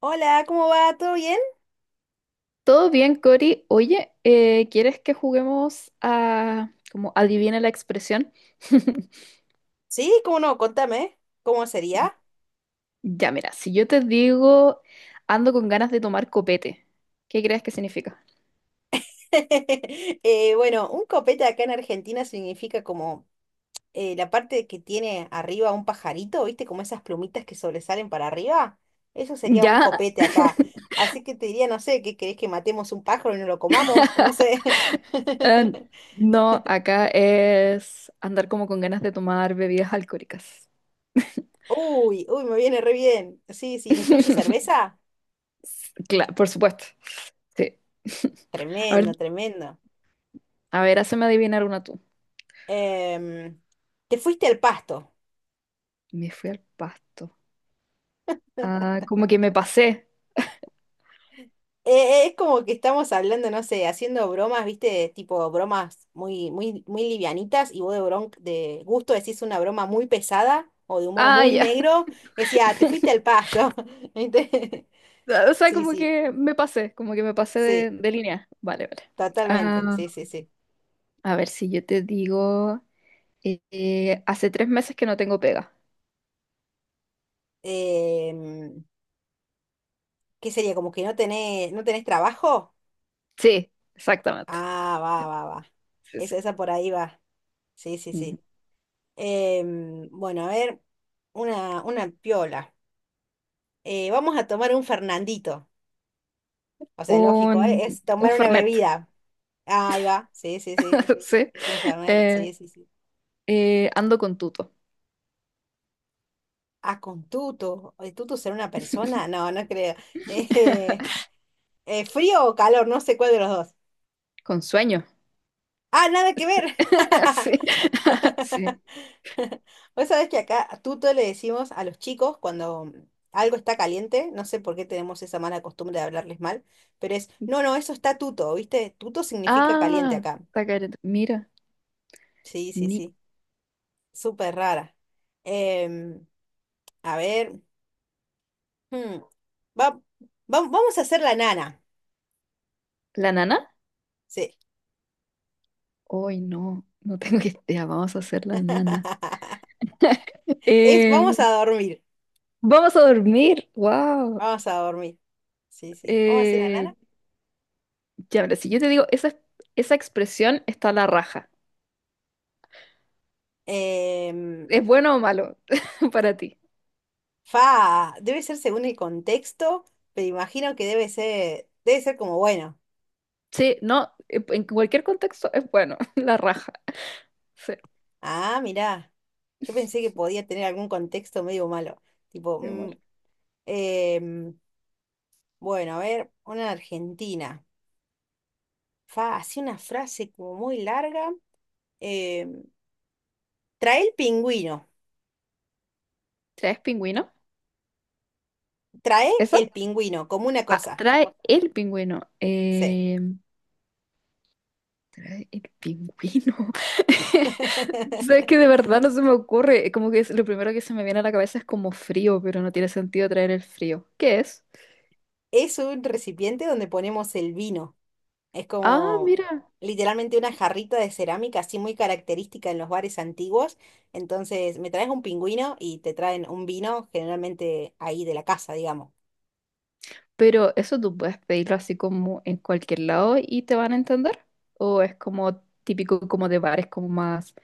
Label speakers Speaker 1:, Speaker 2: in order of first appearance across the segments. Speaker 1: Hola, ¿cómo va? ¿Todo bien?
Speaker 2: Todo bien, Cori. Oye, ¿quieres que juguemos a como adivina la expresión?
Speaker 1: Sí, ¿cómo no? Contame, ¿cómo sería?
Speaker 2: Ya, mira, si yo te digo ando con ganas de tomar copete, ¿qué crees que significa?
Speaker 1: Bueno, un copete acá en Argentina significa como la parte que tiene arriba un pajarito, ¿viste? Como esas plumitas que sobresalen para arriba. Eso sería un
Speaker 2: Ya,
Speaker 1: copete acá. Así que te diría, no sé, ¿qué querés que matemos un pájaro y no lo comamos? No sé.
Speaker 2: eh, no, acá es andar como con ganas de tomar bebidas alcohólicas.
Speaker 1: Uy, uy, me viene re bien. Sí, sí, ¿incluye cerveza?
Speaker 2: Claro, por supuesto. Sí. A ver,
Speaker 1: Tremendo, tremendo.
Speaker 2: a ver, hazme adivinar una tú.
Speaker 1: Em, Te fuiste al pasto.
Speaker 2: Me fui al pasto. Ah, como que me pasé.
Speaker 1: Es como que estamos hablando, no sé, haciendo bromas, viste, tipo bromas muy, muy, muy livianitas y vos de, de gusto decís una broma muy pesada o de humor
Speaker 2: Ah,
Speaker 1: muy
Speaker 2: ya.
Speaker 1: negro, decía, "Ah, te fuiste al pasto. ¿Viste?
Speaker 2: O sea,
Speaker 1: Sí,
Speaker 2: como
Speaker 1: sí,
Speaker 2: que me pasé, como que me pasé de,
Speaker 1: sí,
Speaker 2: de línea. Vale, vale.
Speaker 1: totalmente,
Speaker 2: Ah,
Speaker 1: sí, sí, sí.
Speaker 2: a ver si yo te digo, hace tres meses que no tengo pega.
Speaker 1: Em, ¿Qué sería? ¿Como que no tenés, no tenés trabajo?
Speaker 2: Sí, exactamente.
Speaker 1: Ah, va, va, va.
Speaker 2: Sí, sí.
Speaker 1: Esa por ahí va. Sí, sí,
Speaker 2: Ujú.
Speaker 1: sí. Bueno, a ver, una piola. Vamos a tomar un Fernandito. O sea, lógico,
Speaker 2: Un,
Speaker 1: ¿eh? Es
Speaker 2: un
Speaker 1: tomar una
Speaker 2: Fernet.
Speaker 1: bebida. Ah, ahí va, sí, sí, sí.
Speaker 2: Sí.
Speaker 1: Es un fernet,
Speaker 2: Eh,
Speaker 1: sí, sí, sí.
Speaker 2: ando con tuto.
Speaker 1: Ah, con tuto. ¿El tuto será una persona? No, no creo. Eh, ¿Frío o calor? No sé cuál de los dos.
Speaker 2: Con sueño.
Speaker 1: Ah, nada que ver.
Speaker 2: Sí. Sí.
Speaker 1: Vos sabés que acá tuto le decimos a los chicos cuando algo está caliente, no sé por qué tenemos esa mala costumbre de hablarles mal, pero es, no, no, eso está tuto, ¿viste? Tuto significa caliente
Speaker 2: Ah,
Speaker 1: acá.
Speaker 2: está careta. Mira,
Speaker 1: Sí, sí,
Speaker 2: ni
Speaker 1: sí. Súper rara. Em, A ver. hmm, va- Vamos a hacer la nana.
Speaker 2: ¿la nana?
Speaker 1: Sí.
Speaker 2: Hoy no, no tengo idea. Vamos a hacer la nana.
Speaker 1: Es,
Speaker 2: Eh,
Speaker 1: vamos a dormir.
Speaker 2: Vamos a dormir. Wow.
Speaker 1: Vamos a dormir. Sí, sí. Vamos a hacer la
Speaker 2: Eh,
Speaker 1: nana.
Speaker 2: ya, mira, si yo te digo, esa expresión está a la raja.
Speaker 1: Em,
Speaker 2: ¿Es bueno o malo para ti?
Speaker 1: Fa, debe ser según el contexto, pero imagino que debe ser como bueno.
Speaker 2: Sí, no, en cualquier contexto es bueno, la raja. Sí,
Speaker 1: Ah, mirá. Yo pensé que podía tener algún contexto medio malo. Tipo,
Speaker 2: qué malo.
Speaker 1: em, bueno, a ver, una argentina. Fa, así una frase como muy larga. em, Trae el pingüino.
Speaker 2: ¿Traes pingüino?
Speaker 1: Trae
Speaker 2: ¿Esa?
Speaker 1: el pingüino, como una
Speaker 2: Ah,
Speaker 1: cosa.
Speaker 2: trae el pingüino.
Speaker 1: Sí.
Speaker 2: Trae el pingüino. Sabes que de verdad no se me ocurre. Como que lo primero que se me viene a la cabeza es como frío, pero no tiene sentido traer el frío. ¿Qué es?
Speaker 1: Es un recipiente donde ponemos el vino. Es
Speaker 2: Ah,
Speaker 1: como
Speaker 2: mira.
Speaker 1: literalmente una jarrita de cerámica, así muy característica en los bares antiguos. Entonces, me traes un pingüino y te traen un vino, generalmente ahí de la casa, digamos.
Speaker 2: Pero eso tú puedes pedirlo así como en cualquier lado y te van a entender. O es como típico como de bares como más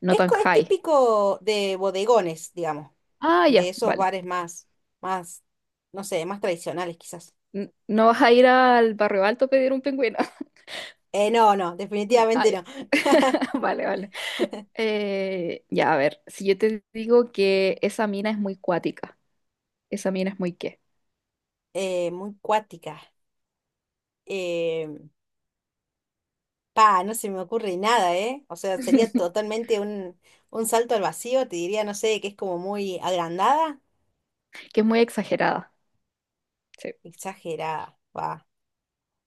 Speaker 2: no
Speaker 1: Es,
Speaker 2: tan
Speaker 1: es
Speaker 2: high.
Speaker 1: típico de bodegones, digamos,
Speaker 2: Ah,
Speaker 1: de
Speaker 2: ya,
Speaker 1: esos
Speaker 2: vale.
Speaker 1: bares más, más, no sé, más tradicionales quizás.
Speaker 2: No vas a ir al barrio alto a pedir un pingüino.
Speaker 1: No, no,
Speaker 2: Mm, ah,
Speaker 1: definitivamente
Speaker 2: ya.
Speaker 1: no.
Speaker 2: Vale, vale. Ya, a ver, si yo te digo que esa mina es muy cuática, esa mina es muy qué,
Speaker 1: Muy cuática. Eh, Pa, no se me ocurre nada, ¿eh? O sea, sería totalmente un salto al vacío, te diría, no sé, que es como muy agrandada,
Speaker 2: que es muy exagerada. Sí,
Speaker 1: exagerada, pa,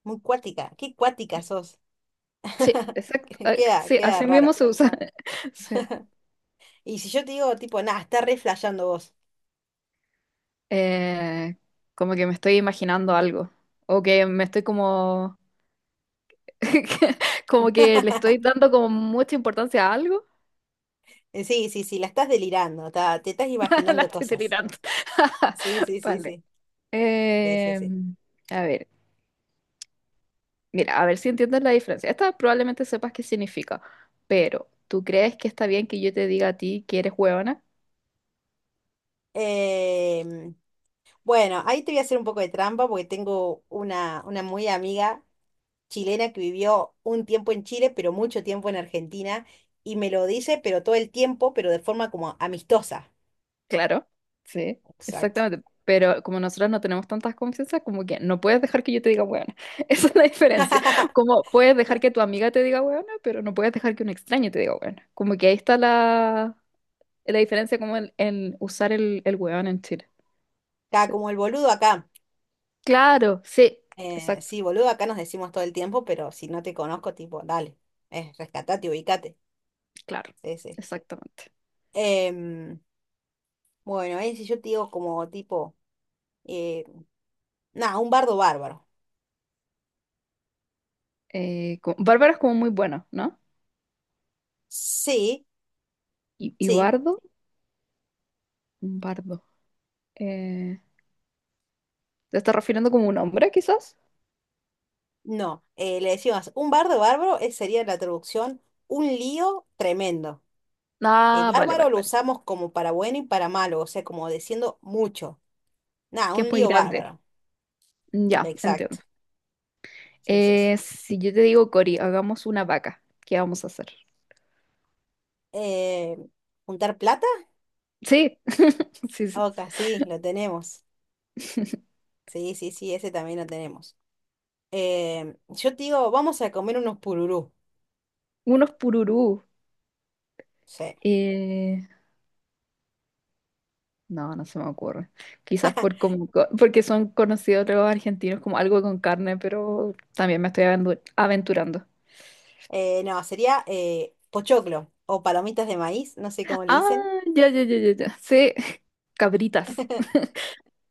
Speaker 1: muy cuática, qué cuática sos,
Speaker 2: sí, exacto. Ah,
Speaker 1: queda,
Speaker 2: sí,
Speaker 1: queda
Speaker 2: así mismo
Speaker 1: raro.
Speaker 2: se usa. Sí.
Speaker 1: Y si yo te digo, tipo, nada, estás re flasheando vos.
Speaker 2: Eh, como que me estoy imaginando algo. O que me estoy como. Como que le estoy dando como mucha importancia a algo.
Speaker 1: Sí, sí, sí, la estás delirando, te estás
Speaker 2: La
Speaker 1: imaginando
Speaker 2: estoy
Speaker 1: cosas.
Speaker 2: delirando.
Speaker 1: Sí, sí, sí, sí,
Speaker 2: Vale.
Speaker 1: sí, sí,
Speaker 2: Eh,
Speaker 1: sí.
Speaker 2: a ver, mira, a ver si entiendes la diferencia. Esta probablemente sepas qué significa, pero ¿tú crees que está bien que yo te diga a ti que eres huevona?
Speaker 1: Em, bueno, ahí te voy a hacer un poco de trampa porque tengo una muy amiga chilena que vivió un tiempo en Chile, pero mucho tiempo en Argentina, y me lo dice, pero todo el tiempo, pero de forma como amistosa.
Speaker 2: Claro, sí,
Speaker 1: Exacto.
Speaker 2: exactamente. Pero como nosotros no tenemos tantas confianzas, como que no puedes dejar que yo te diga huevona. Esa es la diferencia. Como puedes dejar que tu amiga te diga huevona, pero no puedes dejar que un extraño te diga huevona. Como que ahí está la, la diferencia como en usar el huevón en Chile.
Speaker 1: Acá,
Speaker 2: Sí.
Speaker 1: como el boludo acá.
Speaker 2: Claro, sí, exacto,
Speaker 1: Sí, boludo acá nos decimos todo el tiempo, pero si no te conozco, tipo, dale, rescatate, ubicate.
Speaker 2: claro,
Speaker 1: Sí, sí.
Speaker 2: exactamente.
Speaker 1: Em, bueno, ahí si yo te digo como tipo, eh, nada, un bardo bárbaro.
Speaker 2: Bárbara es como muy bueno, ¿no?
Speaker 1: Sí,
Speaker 2: Y
Speaker 1: sí,
Speaker 2: Bardo, un Bardo. Eh, ¿Te estás refiriendo como un hombre, quizás?
Speaker 1: no. Le decimos, un bardo bárbaro sería la traducción, un lío tremendo.
Speaker 2: Ah, vale,
Speaker 1: Bárbaro
Speaker 2: vale,
Speaker 1: lo
Speaker 2: vale.
Speaker 1: usamos como para bueno y para malo, o sea, como diciendo mucho. Nada,
Speaker 2: Que
Speaker 1: un
Speaker 2: es muy
Speaker 1: lío
Speaker 2: grande.
Speaker 1: bárbaro.
Speaker 2: Ya,
Speaker 1: Exacto.
Speaker 2: entiendo.
Speaker 1: Sí, sí, sí.
Speaker 2: Si yo te digo, Cori, hagamos una vaca, ¿qué vamos a hacer?
Speaker 1: Eh, ¿Juntar plata?
Speaker 2: Sí, sí, sí.
Speaker 1: Oca, sí, lo tenemos.
Speaker 2: Sí.
Speaker 1: Sí, sí, sí, ese también lo tenemos. Yo te digo, vamos a comer unos pururú.
Speaker 2: Unos pururú.
Speaker 1: Sí.
Speaker 2: Eh, no, no se me ocurre. Quizás por porque son conocidos los argentinos como algo con carne, pero también me estoy aventurando.
Speaker 1: No, sería pochoclo o palomitas de maíz, no sé cómo le
Speaker 2: Ah,
Speaker 1: dicen.
Speaker 2: ya, ya, ya, ya, ya. Sí, cabritas.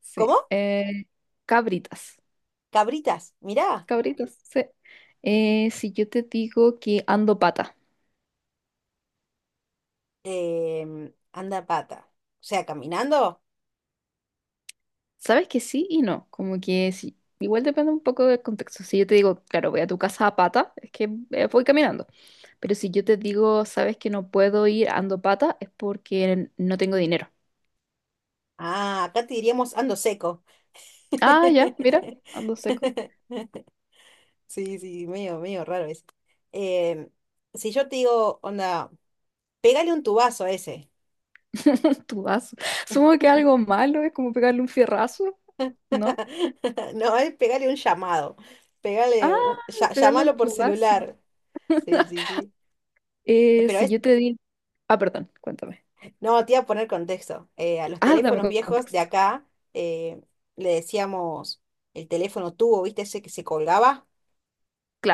Speaker 2: Sí,
Speaker 1: ¿Cómo?
Speaker 2: cabritas.
Speaker 1: Cabritas, mirá.
Speaker 2: Cabritas, sí. Si yo te digo que ando pata.
Speaker 1: Anda a pata. O sea, caminando.
Speaker 2: Sabes que sí y no, como que sí. Igual depende un poco del contexto. Si yo te digo, claro, voy a tu casa a pata, es que voy caminando. Pero si yo te digo, sabes que no puedo ir ando pata, es porque no tengo dinero.
Speaker 1: Ah, acá te diríamos ando seco.
Speaker 2: Ah, ya, mira, ando seco.
Speaker 1: Sí, sí, medio, medio raro eso. Em, si yo te digo, onda, pégale un tubazo a ese.
Speaker 2: Tu vaso. Supongo que algo malo es como pegarle un fierrazo, ¿no?
Speaker 1: No, es pégale un llamado. Pégale,
Speaker 2: Ah, pegarle un
Speaker 1: llámalo por
Speaker 2: tubazo.
Speaker 1: celular. Sí, sí, sí. Pero
Speaker 2: Si
Speaker 1: es,
Speaker 2: yo te digo... Ah, perdón, cuéntame.
Speaker 1: no, te iba a poner contexto. A los
Speaker 2: Ah, dame
Speaker 1: teléfonos viejos de
Speaker 2: contexto.
Speaker 1: acá eh, le decíamos el teléfono tubo, ¿viste? Ese que se colgaba,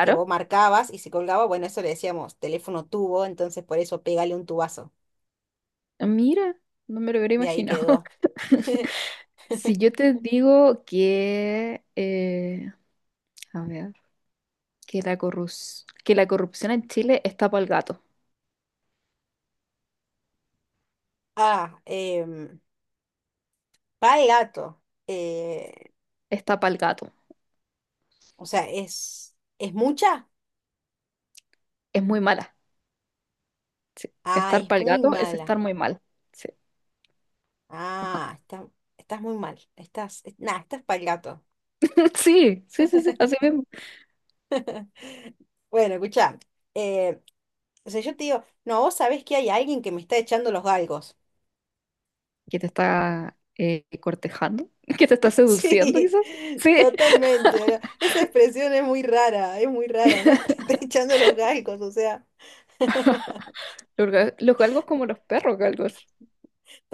Speaker 1: que vos marcabas y se colgaba. Bueno, eso le decíamos teléfono tubo, entonces por eso pégale un tubazo.
Speaker 2: Ah, mira, no me lo hubiera
Speaker 1: De ahí
Speaker 2: imaginado.
Speaker 1: quedó.
Speaker 2: Si yo te digo que, a ver, que la corrupción en Chile
Speaker 1: Ah, pa el gato. Eh,
Speaker 2: está pa'l gato,
Speaker 1: o sea, es mucha?
Speaker 2: es muy mala. Sí.
Speaker 1: Ah,
Speaker 2: Estar
Speaker 1: es
Speaker 2: pa'l
Speaker 1: muy
Speaker 2: gato es
Speaker 1: mala.
Speaker 2: estar muy mal. Sí, ajá.
Speaker 1: Ah, está- Estás muy mal. Estás, nada, estás para el gato.
Speaker 2: Sí, sí, sí, sí, así mismo.
Speaker 1: Bueno, escuchá. eh, o sea, yo te digo, no, vos sabés que hay alguien que me está echando los galgos.
Speaker 2: Que te está cortejando, que te está seduciendo,
Speaker 1: Sí,
Speaker 2: quizás. Sí,
Speaker 1: totalmente. Ahora, esa expresión es muy rara, ¿no? Te está echando los galgos, o sea,
Speaker 2: los, los galgos como los perros galgos,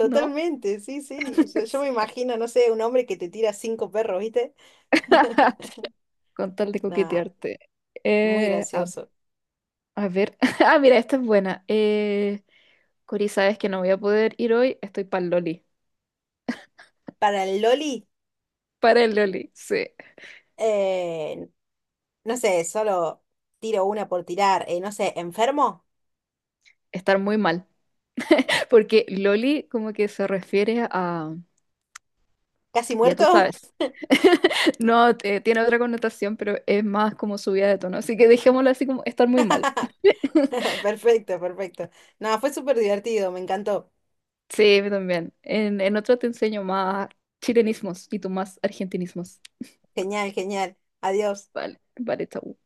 Speaker 2: ¿no?
Speaker 1: sí, sí. O sea, yo me imagino, no sé, un hombre que te tira cinco perros, ¿viste?
Speaker 2: con tal de
Speaker 1: Nah,
Speaker 2: coquetearte.
Speaker 1: muy
Speaker 2: Eh, a,
Speaker 1: gracioso.
Speaker 2: a ver. Ah, mira, esta es buena. Cori, sabes que no voy a poder ir hoy. Estoy para el Loli.
Speaker 1: Para el Loli,
Speaker 2: Para el Loli, sí.
Speaker 1: eh, no sé, solo tiro una por tirar, no sé, enfermo,
Speaker 2: Estar muy mal. Porque Loli como que se refiere a...
Speaker 1: casi
Speaker 2: Ya tú
Speaker 1: muerto.
Speaker 2: sabes. No, tiene otra connotación, pero es más como subida de tono. Así que dejémoslo así como estar muy mal.
Speaker 1: Perfecto, perfecto. No, fue súper divertido, me encantó.
Speaker 2: Sí, yo también. En otro te enseño más chilenismos y tú más argentinismos.
Speaker 1: Genial, genial. Adiós.
Speaker 2: Vale, vale, chau.